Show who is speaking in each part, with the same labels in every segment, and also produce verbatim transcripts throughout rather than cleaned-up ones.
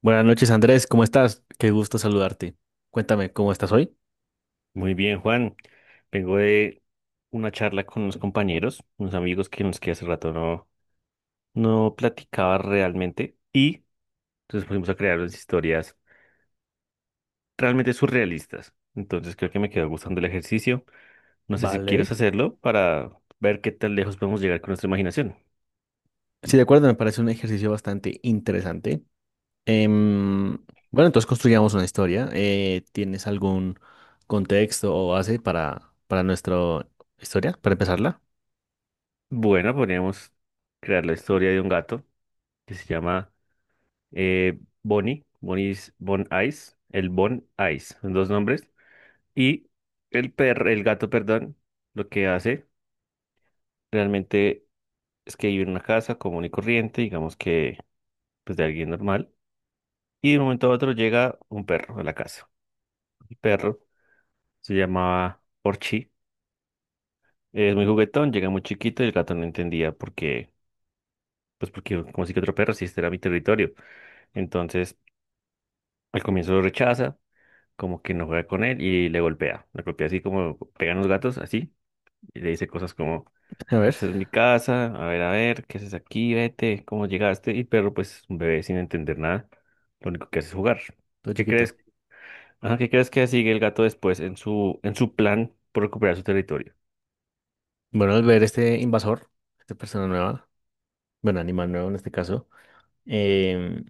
Speaker 1: Buenas noches, Andrés, ¿cómo estás? Qué gusto saludarte. Cuéntame, ¿cómo estás hoy?
Speaker 2: Muy bien, Juan. Vengo de una charla con unos compañeros, unos amigos que nos que hace rato no, no platicaba realmente y entonces fuimos a crear unas historias realmente surrealistas. Entonces creo que me quedó gustando el ejercicio. No sé si
Speaker 1: Vale.
Speaker 2: quieres hacerlo para ver qué tan lejos podemos llegar con nuestra imaginación.
Speaker 1: Sí, de acuerdo, me parece un ejercicio bastante interesante. Em, bueno, entonces construyamos una historia. Eh, ¿tienes algún contexto o base para, para nuestra historia, para empezarla?
Speaker 2: Bueno, podríamos crear la historia de un gato que se llama eh, Bonnie, Bonnie's Bon Ice, el Bon Ice, son dos nombres. Y el perro, el gato, perdón, lo que hace realmente es que vive en una casa común y corriente, digamos que pues de alguien normal. Y de un momento a otro llega un perro a la casa. El perro se llamaba Orchi, es muy juguetón, llega muy chiquito y el gato no entendía por qué, pues porque como si que otro perro, si este era mi territorio. Entonces al comienzo lo rechaza, como que no juega con él y le golpea. Le golpea así como pegan los gatos, así, y le dice cosas como:
Speaker 1: A ver,
Speaker 2: esta es mi casa, a ver, a ver, ¿qué haces aquí? Vete, ¿cómo llegaste? Y el perro, pues, un bebé sin entender nada, lo único que hace es jugar.
Speaker 1: todo
Speaker 2: ¿Qué
Speaker 1: chiquito.
Speaker 2: crees? Ajá, ¿qué crees que sigue el gato después en su, en su plan por recuperar su territorio?
Speaker 1: Bueno, al ver este invasor, esta persona nueva, bueno, animal nuevo en este caso, em,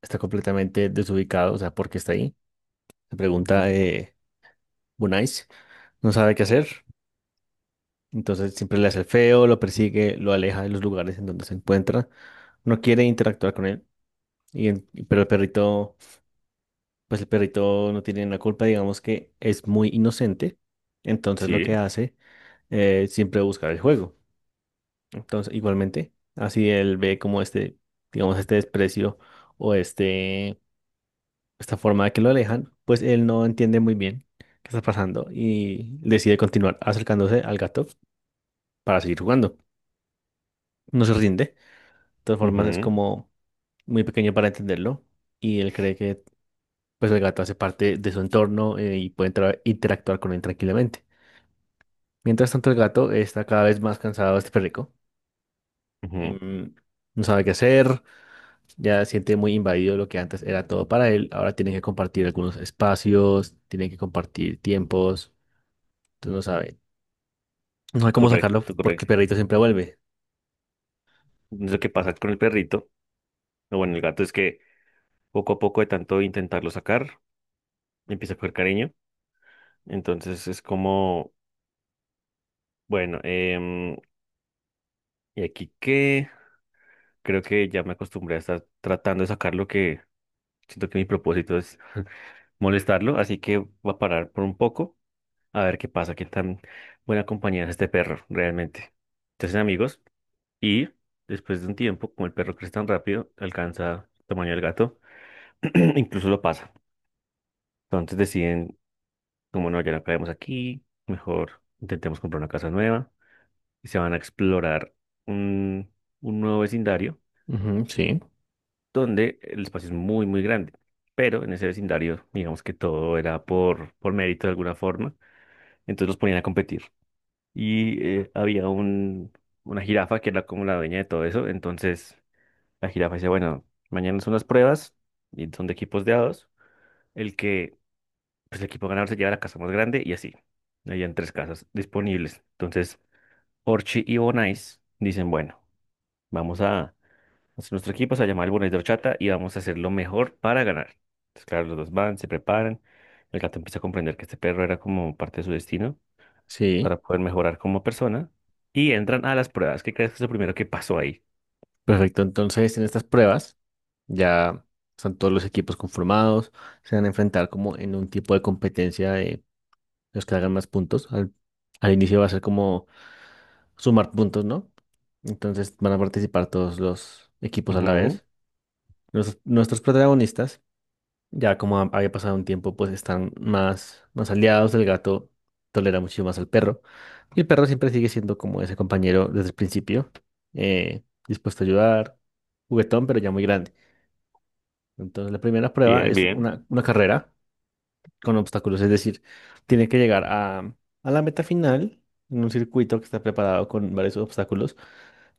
Speaker 1: está completamente desubicado, o sea, ¿por qué está ahí? Se pregunta,
Speaker 2: Ujú.
Speaker 1: eh, Bunais, no sabe qué hacer. Entonces siempre le hace el feo, lo persigue, lo aleja de los lugares en donde se encuentra. No quiere interactuar con él. Y en- y- pero el perrito, pues el perrito no tiene la culpa, digamos que es muy inocente. Entonces lo
Speaker 2: Sí,
Speaker 1: que hace es siempre buscar el juego. Entonces, igualmente, así él ve como este, digamos, este desprecio o este, esta forma de que lo alejan, pues él no entiende muy bien qué está pasando y decide continuar acercándose al gato para seguir jugando. No se rinde. Todas formas es
Speaker 2: ujú,
Speaker 1: como muy pequeño para entenderlo y él cree que pues el gato hace parte de su entorno eh, y puede entra- interactuar con él tranquilamente. Mientras tanto el gato está cada vez más cansado de este perrico,
Speaker 2: ujú.
Speaker 1: em, no sabe qué hacer, ya siente muy invadido lo que antes era todo para él, ahora tiene que compartir algunos espacios, tiene que compartir tiempos, entonces no sabe, no sabe cómo sacarlo
Speaker 2: Correcto,
Speaker 1: porque el
Speaker 2: correcto.
Speaker 1: perrito siempre vuelve.
Speaker 2: Entonces, lo que pasa con el perrito, o bueno, el gato es que poco a poco de tanto intentarlo sacar, empieza a coger cariño. Entonces es como, bueno, em, ¿y aquí qué? Creo que ya me acostumbré a estar tratando de sacar lo que... Siento que mi propósito es molestarlo, así que voy a parar por un poco a ver qué pasa, qué tan buena compañía es este perro realmente. Se hacen amigos y después de un tiempo, como el perro crece tan rápido, alcanza el tamaño del gato, incluso lo pasa. Entonces deciden, como no, ya no caemos aquí, mejor intentemos comprar una casa nueva y se van a explorar un, un nuevo vecindario
Speaker 1: Ujú, sí,
Speaker 2: donde el espacio es muy, muy grande. Pero en ese vecindario, digamos que todo era por, por mérito de alguna forma. Entonces los ponían a competir. Y eh, había un, una jirafa que era como la dueña de todo eso. Entonces la jirafa decía, bueno, mañana son las pruebas y son de equipos de a dos. El que, pues el equipo ganador se lleva la casa más grande y así. Habían tres casas disponibles. Entonces Orchi y Bonais dicen, bueno, vamos a hacer nuestro equipo, se va a llamar el Bonais de Horchata y vamos a hacer lo mejor para ganar. Entonces claro, los dos van, se preparan. El gato empieza a comprender que este perro era como parte de su destino
Speaker 1: sí,
Speaker 2: para poder mejorar como persona y entran a las pruebas. ¿Qué crees que es lo primero que pasó ahí?
Speaker 1: perfecto, entonces en estas pruebas. Ya están todos los equipos conformados, se van a enfrentar como en un tipo de competencia de los que hagan más puntos. Al, al inicio va a ser como sumar puntos, ¿no? Entonces van a participar todos los equipos a la
Speaker 2: Ujú.
Speaker 1: vez. Nuestros, nuestros protagonistas, ya como ha- había pasado un tiempo, pues están más, más aliados. El gato tolera mucho más al perro. Y el perro siempre sigue siendo como ese compañero desde el principio, eh, dispuesto a ayudar, juguetón, pero ya muy grande. Entonces, la primera prueba
Speaker 2: Bien,
Speaker 1: es
Speaker 2: bien.
Speaker 1: una, una carrera con obstáculos, es decir, tiene que llegar a, a la meta final en un circuito que está preparado con varios obstáculos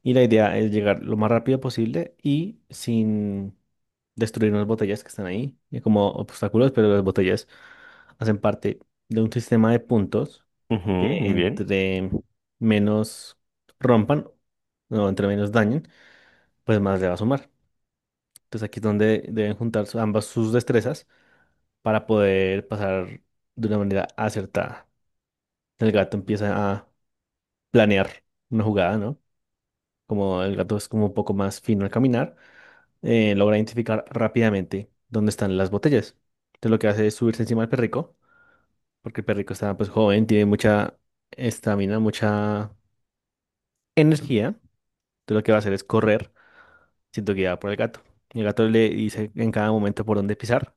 Speaker 1: y la idea es llegar lo más rápido posible y sin destruir unas botellas que están ahí eh, como obstáculos, pero las botellas hacen parte de un sistema de puntos
Speaker 2: Ujú,
Speaker 1: que
Speaker 2: muy bien.
Speaker 1: entre menos rompan o entre menos dañen, pues más le va a sumar. Entonces aquí es donde deben juntar su- ambas sus destrezas para poder pasar de una manera acertada. El gato empieza a planear una jugada, ¿no? Como el gato es como un poco más fino al caminar, eh, logra identificar rápidamente dónde están las botellas. Entonces lo que hace es subirse encima del perrico, porque el perrico está pues joven, tiene mucha estamina, mucha energía. Entonces lo que va a hacer es correr siendo guiado por el gato. Y el gato le dice en cada momento por dónde pisar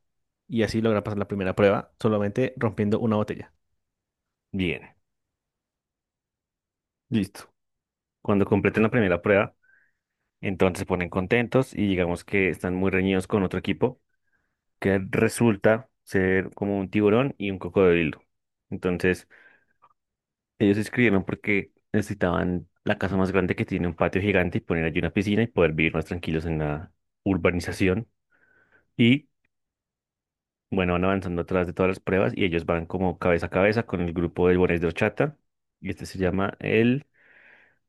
Speaker 1: y así logra pasar la primera prueba solamente rompiendo una botella.
Speaker 2: Bien. Listo. Cuando completen la primera prueba, entonces se ponen contentos y digamos que están muy reñidos con otro equipo que resulta ser como un tiburón y un cocodrilo. Entonces, ellos se inscribieron porque necesitaban la casa más grande que tiene un patio gigante y poner allí una piscina y poder vivir más tranquilos en la urbanización. Y bueno, van avanzando atrás de todas las pruebas y ellos van como cabeza a cabeza con el grupo de Bones de Ochata. Y este se llama el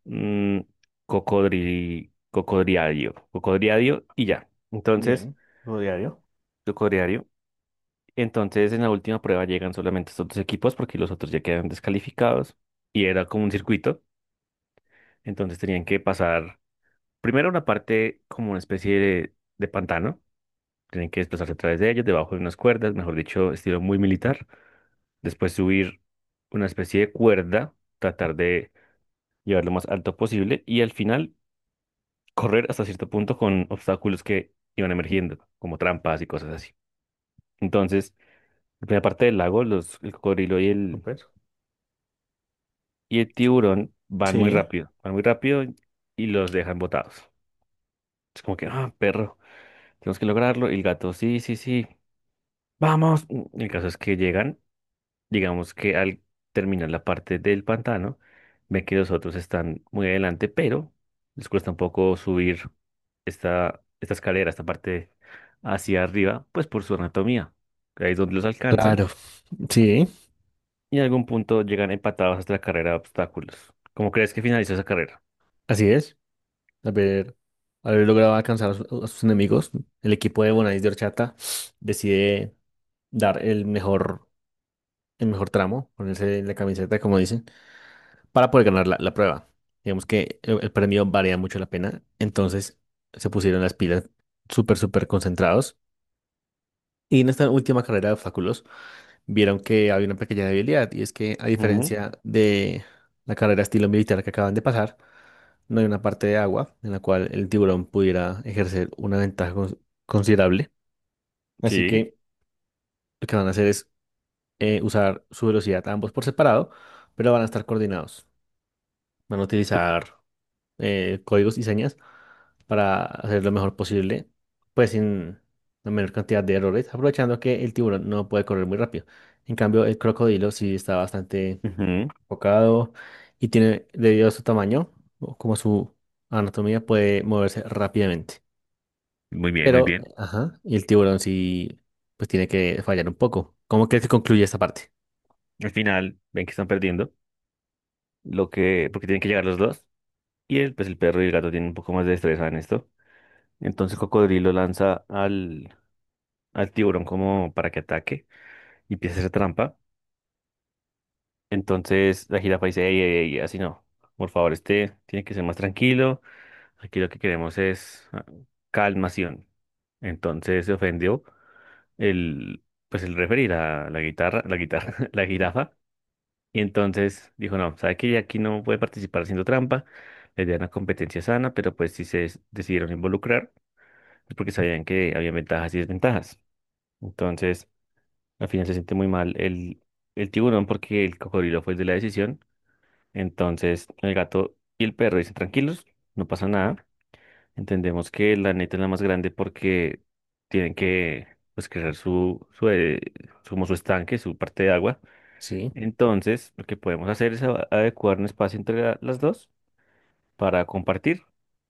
Speaker 2: mm, cocodri, cocodriadio. Cocodriadio y ya. Entonces,
Speaker 1: Bien, juego diario.
Speaker 2: cocodriadio. Entonces, en la última prueba llegan solamente estos dos equipos porque los otros ya quedan descalificados. Y era como un circuito. Entonces, tenían que pasar primero una parte como una especie de de pantano. Tienen que desplazarse a través de ellos, debajo de unas cuerdas, mejor dicho, estilo muy militar. Después subir una especie de cuerda, tratar de llevar lo más alto posible y al final correr hasta cierto punto con obstáculos que iban emergiendo, como trampas y cosas así. Entonces, la primera parte del lago, los, el cocodrilo y el,
Speaker 1: Súper.
Speaker 2: y el tiburón van muy
Speaker 1: Sí,
Speaker 2: rápido, van muy rápido y los dejan botados. Es como que, ah, perro, tenemos que lograrlo. Y el gato, sí, sí, sí, vamos. El caso es que llegan. Digamos que al terminar la parte del pantano, ven que los otros están muy adelante, pero les cuesta un poco subir esta, esta escalera, esta parte hacia arriba, pues por su anatomía. Ahí es donde los alcanzan
Speaker 1: claro, sí,
Speaker 2: y en algún punto llegan empatados hasta la carrera de obstáculos. ¿Cómo crees que finalizó esa carrera?
Speaker 1: así es. Haber, haber logrado alcanzar a, su- a sus enemigos, el equipo de Bonais de Horchata decide dar el mejor, el mejor tramo, ponerse la camiseta, como dicen, para poder ganar la, la prueba. Digamos que el, el premio valía mucho la pena, entonces se pusieron las pilas súper, súper concentrados. Y en esta última carrera de obstáculos vieron que había una pequeña debilidad y es que a
Speaker 2: Ujú,
Speaker 1: diferencia de la carrera estilo militar que acaban de pasar, no hay una parte de agua en la cual el tiburón pudiera ejercer una ventaja cons- considerable. Así
Speaker 2: sí.
Speaker 1: que lo que van a hacer es eh, usar su velocidad ambos por separado, pero van a estar coordinados. Van a utilizar eh, códigos y señas para hacer lo mejor posible, pues sin la menor cantidad de errores, aprovechando que el tiburón no puede correr muy rápido. En cambio, el crocodilo sí está bastante
Speaker 2: Ujú,
Speaker 1: enfocado y tiene, debido a su tamaño, o como su anatomía, puede moverse rápidamente.
Speaker 2: muy bien, muy
Speaker 1: Pero,
Speaker 2: bien.
Speaker 1: ajá, y el tiburón sí, pues tiene que fallar un poco. ¿Cómo crees que concluye esta parte?
Speaker 2: Al final ven que están perdiendo, lo que, porque tienen que llegar los dos. Y el, pues el perro y el gato tienen un poco más de destreza en esto. Entonces Cocodrilo lanza al, al tiburón como para que ataque y empieza a hacer trampa. Entonces la jirafa dice, ey, ey, ey, así no. Por favor, este tiene que ser más tranquilo. Aquí lo que queremos es ah, calmación. Entonces se ofendió el, pues el referir a la guitarra, la guitarra, la jirafa. Y entonces dijo, no, sabe que aquí no puede participar haciendo trampa. Le idea era una competencia sana, pero pues si se decidieron involucrar es porque sabían que había ventajas y desventajas. Entonces, al final se siente muy mal el, el tiburón porque el cocodrilo fue el de la decisión. Entonces el gato y el perro dicen tranquilos, no pasa nada. Entendemos que la neta es la más grande porque tienen que pues crear su, su, eh, su- como su estanque, su parte de agua.
Speaker 1: Sí.
Speaker 2: Entonces lo que podemos hacer es a- adecuar un espacio entre la- las dos para compartir.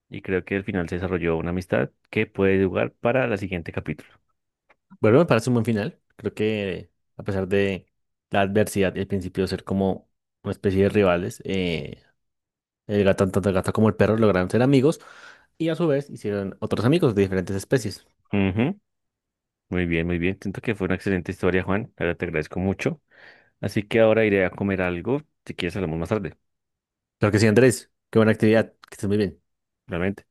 Speaker 2: Y creo que al final se desarrolló una amistad que puede jugar para la siguiente capítulo.
Speaker 1: Bueno, me parece un buen final. Creo que a pesar de la adversidad y el principio de ser como una especie de rivales, eh, el gato, tanto el gato como el perro lograron ser amigos y a su vez hicieron otros amigos de diferentes especies.
Speaker 2: Ujú, muy bien, muy bien. Siento que fue una excelente historia, Juan. Ahora te agradezco mucho. Así que ahora iré a comer algo. Si quieres, hablamos más tarde,
Speaker 1: Creo que sí, Andrés. Qué buena actividad. Que estés muy bien.
Speaker 2: realmente.